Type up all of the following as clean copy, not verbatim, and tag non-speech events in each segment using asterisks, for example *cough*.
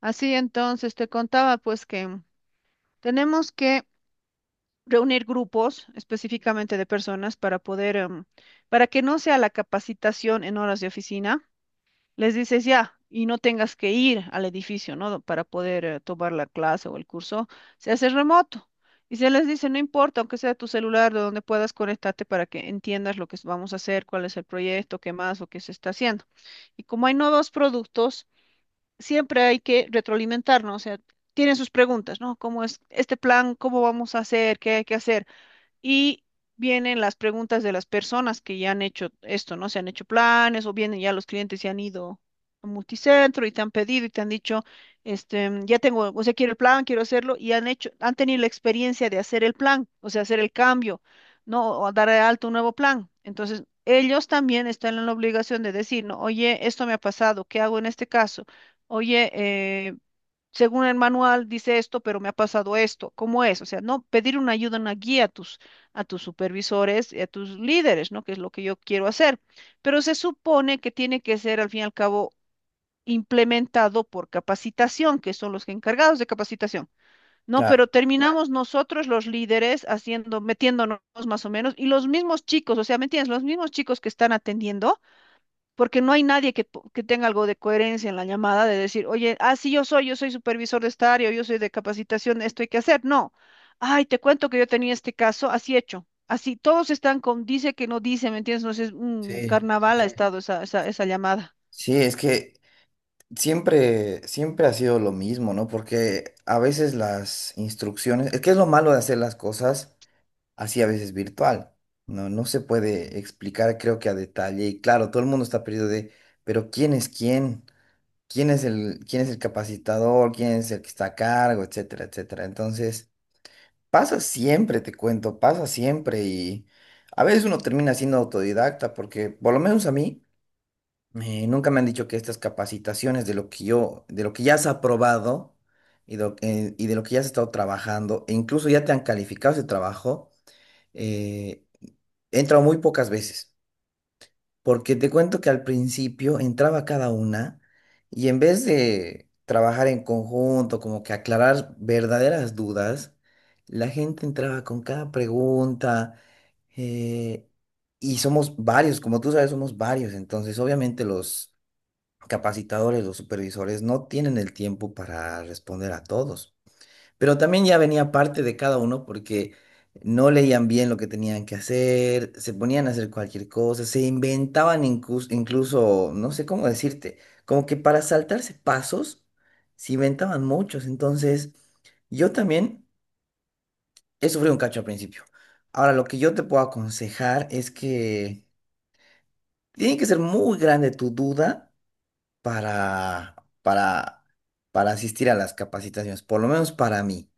Así entonces, te contaba pues que tenemos que reunir grupos específicamente de personas para poder, para que no sea la capacitación en horas de oficina. Les dices ya y no tengas que ir al edificio, ¿no? Para poder tomar la clase o el curso. Se hace remoto. Y se les dice, no importa, aunque sea tu celular, de donde puedas conectarte para que entiendas lo que vamos a hacer, cuál es el proyecto, qué más o qué se está haciendo. Y como hay nuevos productos, siempre hay que retroalimentarnos, o sea, tienen sus preguntas, ¿no? ¿Cómo es este plan? ¿Cómo vamos a hacer? ¿Qué hay que hacer? Y vienen las preguntas de las personas que ya han hecho esto, ¿no? Se han hecho planes o vienen ya los clientes y han ido a multicentro y te han pedido y te han dicho, este, ya tengo, o sea, quiero el plan, quiero hacerlo y han hecho, han tenido la experiencia de hacer el plan, o sea, hacer el cambio, ¿no? O dar de alto un nuevo plan. Entonces, ellos también están en la obligación de decir, no, oye, esto me ha pasado, ¿qué hago en este caso? Oye, eh, según el manual dice esto, pero me ha pasado esto. ¿Cómo es? O sea, no pedir una ayuda, una guía a tus supervisores y a tus líderes, ¿no? Que es lo que yo quiero hacer. Pero se supone que tiene que ser, al fin y al cabo, implementado por capacitación, que son los encargados de capacitación. No, Claro, pero terminamos nosotros los líderes haciendo, metiéndonos más o menos, y los mismos chicos, o sea, ¿me entiendes? Los mismos chicos que están atendiendo porque no hay nadie que, que tenga algo de coherencia en la llamada de decir, oye, ah, sí, yo soy supervisor de esta área, o yo soy de capacitación, esto hay que hacer. No. Ay, te cuento que yo tenía este caso, así hecho. Así, todos están con dice que no dice, ¿me entiendes? No sé, es un sí, carnaval ha estado esa llamada. sí, es que siempre ha sido lo mismo, ¿no? Porque a veces las instrucciones, es que es lo malo de hacer las cosas así a veces virtual, ¿no? No se puede explicar, creo que a detalle, y claro, todo el mundo está perdido de, pero ¿quién es quién? ¿Quién es el capacitador? ¿Quién es el que está a cargo? Etcétera, etcétera. Entonces, pasa siempre, te cuento, pasa siempre, y a veces uno termina siendo autodidacta, porque por lo menos a mí. Nunca me han dicho que estas capacitaciones de lo que yo, de lo que ya has aprobado y de lo que ya has estado trabajando, e incluso ya te han calificado ese trabajo, eh, he entrado muy pocas veces. Porque te cuento que al principio entraba cada una y en vez de trabajar en conjunto, como que aclarar verdaderas dudas, la gente entraba con cada pregunta. eh, y somos varios, como tú sabes, somos varios. Entonces, obviamente los capacitadores o supervisores no tienen el tiempo para responder a todos. Pero también ya venía parte de cada uno porque no leían bien lo que tenían que hacer, se ponían a hacer cualquier cosa, se inventaban incluso, no sé cómo decirte, como que para saltarse pasos, se inventaban muchos. Entonces, yo también he sufrido un cacho al principio. Ahora, lo que yo te puedo aconsejar es que tiene que ser muy grande tu duda para, para, para asistir a las capacitaciones, por lo menos para mí.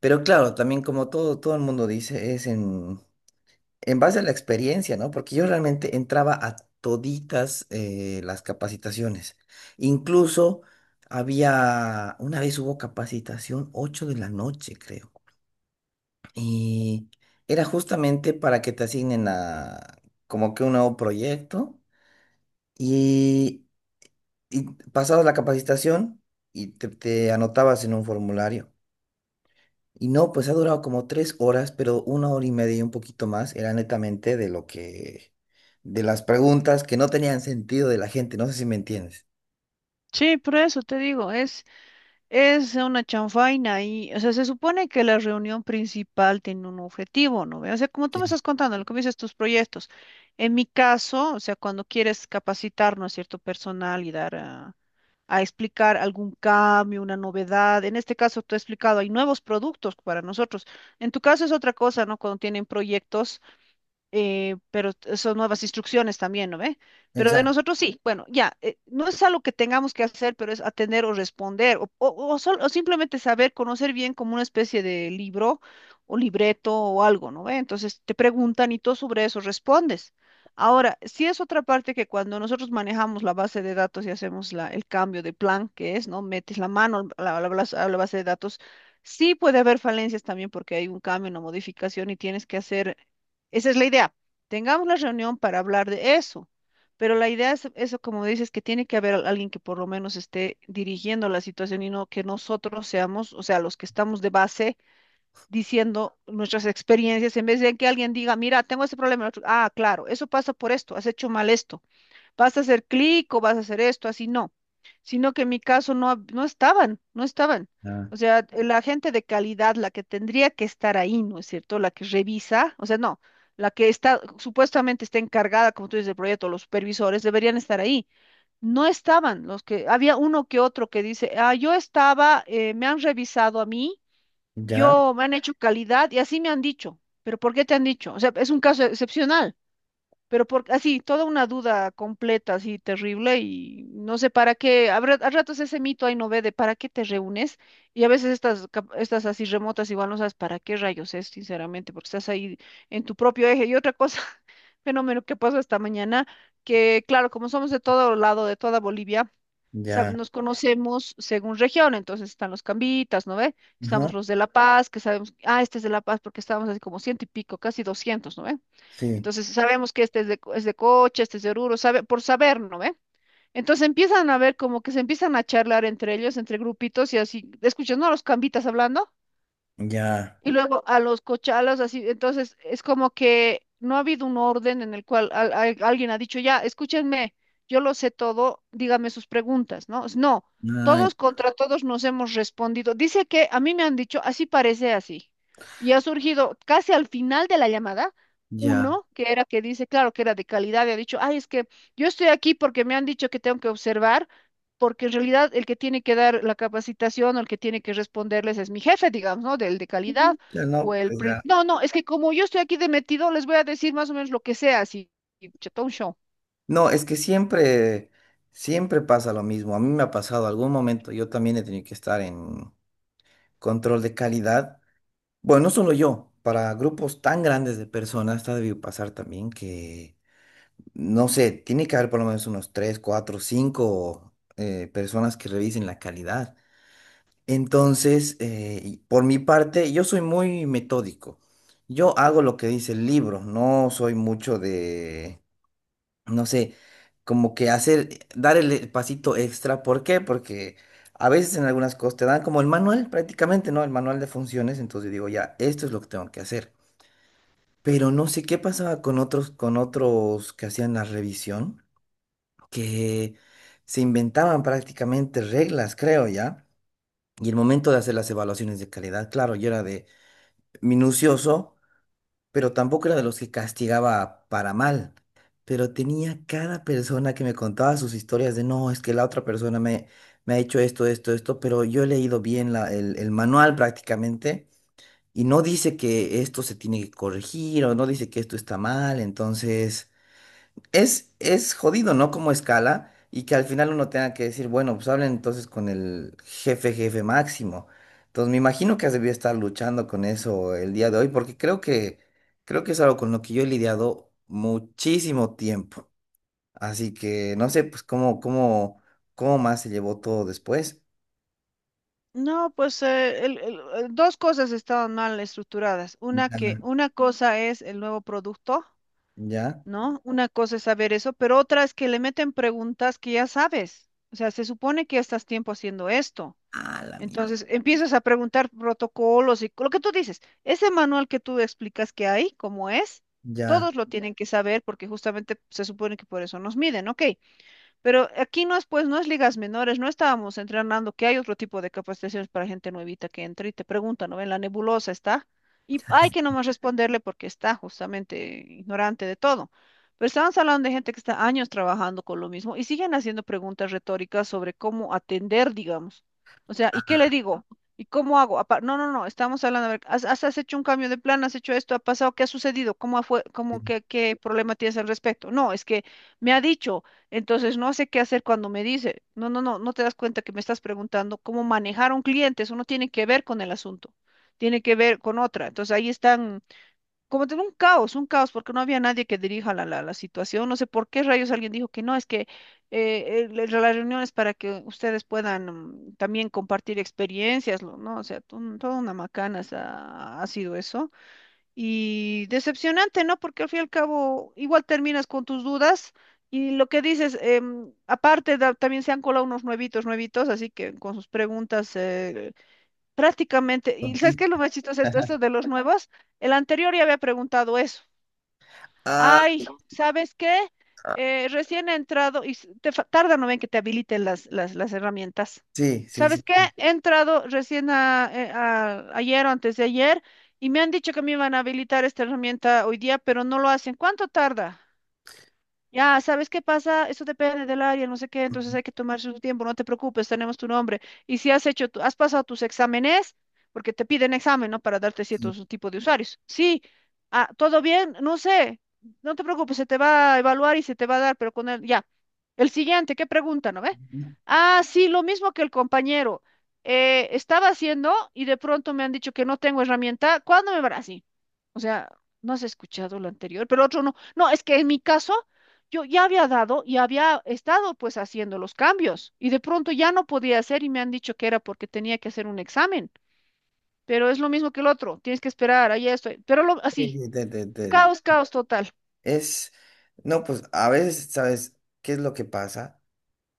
Pero claro, también como todo, todo el mundo dice, es en base a la experiencia, ¿no? Porque yo realmente entraba a toditas las capacitaciones. Incluso había, una vez hubo capacitación 8 de la noche, creo. Y Era justamente para que te asignen a como que un nuevo proyecto. y Y Pasabas la capacitación y te anotabas en un formulario. Y no, pues ha durado como tres horas, pero una hora y media y un poquito más era netamente de lo que, de las preguntas que no tenían sentido de la gente. No sé si me entiendes. Sí, por eso te digo, es una chanfaina y, o sea, se supone que la reunión principal tiene un objetivo, ¿no? ve? O sea, como tú me Sí, estás contando, lo que me dices tus proyectos. En mi caso, o sea, cuando quieres capacitarnos a cierto personal y dar a explicar algún cambio, una novedad, en este caso tú has explicado, hay nuevos productos para nosotros. En tu caso es otra cosa, ¿no? Cuando tienen proyectos pero son nuevas instrucciones también, ¿no ve? Pero de exacto. nosotros sí, bueno, ya, no es algo que tengamos que hacer, pero es atender o responder, o simplemente saber, conocer bien como una especie de libro o libreto o algo, ¿no ve? Entonces te preguntan y tú sobre eso respondes. Ahora, sí es otra parte que cuando nosotros manejamos la base de datos y hacemos la, el cambio de plan, que es, ¿no? Metes la mano a la, a la base de datos, sí puede haber falencias también porque hay un cambio, una modificación y tienes que hacer esa es la idea. Tengamos la reunión para hablar de eso, pero la idea es eso, como dices, que tiene que haber alguien que por lo menos esté dirigiendo la situación y no que nosotros seamos, o sea, los que estamos de base diciendo nuestras experiencias en vez de que alguien diga, mira, tengo este problema. El otro, ah, claro, eso pasa por esto, has hecho mal esto vas a hacer clic o vas a hacer esto, así no, sino que en mi caso no, no estaban, no estaban. Ah, O sea, la gente de calidad, la que tendría que estar ahí, ¿no es cierto? La que revisa, o sea, no, la que está supuestamente está encargada, como tú dices, del proyecto, los supervisores, deberían estar ahí. No estaban los que, había uno que otro que dice, ah, yo estaba, me han revisado a mí, ya, yo me han hecho calidad y así me han dicho. Pero ¿por qué te han dicho? O sea, es un caso excepcional. Pero por, así, toda una duda completa, así terrible, y no sé para qué, a ratos ese mito ahí no ve de para qué te reúnes, y a veces estas, estas así remotas igual no sabes para qué rayos es, sinceramente, porque estás ahí en tu propio eje. Y otra cosa, *laughs* fenómeno que pasó esta mañana, que claro, como somos de todo lado, de toda Bolivia, ya, nos conocemos según región, entonces están los cambitas, ¿no ve? ajá, Estamos los de La Paz, que sabemos, ah, este es de La Paz, porque estábamos así como ciento y pico, casi doscientos, ¿no ve? sí, Entonces sabemos que este es es de Cocha, este es de Oruro, sabe, por saber, ¿no ve? Entonces empiezan a ver como que se empiezan a charlar entre ellos, entre grupitos y así, escuchas, ¿no? A los cambitas hablando. ya, Y luego a los cochalos, así, entonces es como que no ha habido un orden en el cual alguien ha dicho, ya, escúchenme, yo lo sé todo, dígame sus preguntas, ¿no? No, ay, todos contra todos nos hemos respondido. Dice que a mí me han dicho, así parece así. Y ha surgido casi al final de la llamada ya, uno que era que dice, claro, que era de calidad, y ha dicho, ay, es que yo estoy aquí porque me han dicho que tengo que observar. Porque en realidad el que tiene que dar la capacitación o el que tiene que responderles es mi jefe, digamos, ¿no? Del de calidad ya no, o pues ya. no, no, es que como yo estoy aquí de metido, les voy a decir más o menos lo que sea, así, y chatón show. No, es que siempre pasa lo mismo. A mí me ha pasado algún momento, yo también he tenido que estar en control de calidad. Bueno, no solo yo, para grupos tan grandes de personas está debido pasar también que, no sé, tiene que haber por lo menos unos 3, 4, 5 personas que revisen la calidad. Entonces, y por mi parte, yo soy muy metódico. Yo hago lo que dice el libro, no soy mucho de, no sé, como que hacer, dar el pasito extra. ¿Por qué? Porque... A veces en algunas cosas te dan como el manual prácticamente, ¿no? El manual de funciones, entonces digo, ya, esto es lo que tengo que hacer. Pero no sé qué pasaba con otros que hacían la revisión, que se inventaban prácticamente reglas, creo ya. Y el momento de hacer las evaluaciones de calidad, claro, yo era de minucioso, pero tampoco era de los que castigaba para mal. Pero tenía cada persona que me contaba sus historias de, no, es que la otra persona me, me ha hecho esto, esto, esto, pero yo he leído bien el manual prácticamente y no dice que esto se tiene que corregir o no dice que esto está mal, entonces... es jodido, ¿no? Como escala y que al final uno tenga que decir, bueno, pues hablen entonces con el jefe, jefe máximo. Entonces me imagino que has debido estar luchando con eso el día de hoy, porque creo que es algo con lo que yo he lidiado muchísimo tiempo. Así que no sé, pues cómo más se llevó todo después. No, pues dos cosas estaban mal estructuradas. Una que Ya, una cosa es el nuevo producto, ya. ¿no? Una cosa es saber eso, pero otra es que le meten preguntas que ya sabes. O sea, se supone que ya estás tiempo haciendo esto. Ah, la mierda. Entonces empiezas a preguntar protocolos y lo que tú dices, ese manual que tú explicas que hay, cómo es, Ya. todos lo tienen que saber porque justamente se supone que por eso nos miden, ¿ok? Pero aquí no es, pues, no es ligas menores, no estábamos entrenando, que hay otro tipo de capacitaciones para gente nuevita que entra y te pregunta, ¿no? En la nebulosa está. Y hay que nomás responderle porque está justamente ignorante de todo. Pero estamos hablando de gente que está años trabajando con lo mismo y siguen haciendo preguntas retóricas sobre cómo atender, digamos. O sea, ¿y qué le digo? ¿Y cómo hago? No, no, no, estamos hablando, a ver, has hecho un cambio de plan, has hecho esto, ha pasado, ¿qué ha sucedido? ¿Cómo fue, Sí. cómo, qué, qué problema tienes al respecto? No, es que me ha dicho. Entonces no sé qué hacer cuando me dice, no, no, no, no te das cuenta que me estás preguntando cómo manejar a un cliente, eso no tiene que ver con el asunto, tiene que ver con otra. Entonces ahí están, como tengo un caos, porque no había nadie que dirija la situación, no sé por qué rayos alguien dijo que no, es que la reunión es para que ustedes puedan también compartir experiencias, ¿no? O sea, toda una macana ha sido eso. Y decepcionante, ¿no? Porque al fin y al cabo igual terminas con tus dudas y lo que dices, aparte también se han colado unos nuevitos, nuevitos, así que con sus preguntas prácticamente, y ¿sabes qué es lo más chistoso? Esto *laughs* de los nuevos, el anterior ya había preguntado eso. Ah, Ay, ¿sabes qué? Recién he entrado y te tarda, no ven que te habiliten las herramientas. sí, sí, ¿Sabes sí. qué? Sí. He entrado recién ayer o antes de ayer y me han dicho que me iban a habilitar esta herramienta hoy día, pero no lo hacen. ¿Cuánto tarda? Ya, ¿sabes qué pasa? Eso depende del área, no sé qué, entonces hay que tomarse su tiempo, no te preocupes, tenemos tu nombre. Y si has hecho, has pasado tus exámenes, porque te piden examen, ¿no? Para darte Sí. ciertos tipos de usuarios. Sí, ah, ¿todo bien? No sé, no te preocupes, se te va a evaluar y se te va a dar, pero con el ya. El siguiente, ¿qué pregunta, no ve? Ah, sí, lo mismo que el compañero. Estaba haciendo y de pronto me han dicho que no tengo herramienta, ¿cuándo me verás? O sea, no has escuchado lo anterior, pero otro no. No, es que en mi caso, yo ya había dado y había estado pues haciendo los cambios y de pronto ya no podía hacer y me han dicho que era porque tenía que hacer un examen, pero es lo mismo que el otro, tienes que esperar, ahí estoy, pero así, Sí, *laughs* caos, caos total. Es, no, pues a veces, ¿sabes qué es lo que pasa?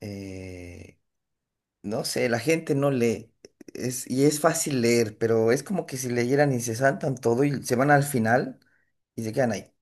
Eh, no sé, la gente no lee, es, y es fácil leer, pero es como que si leyeran y se saltan todo y se van al final y se quedan ahí.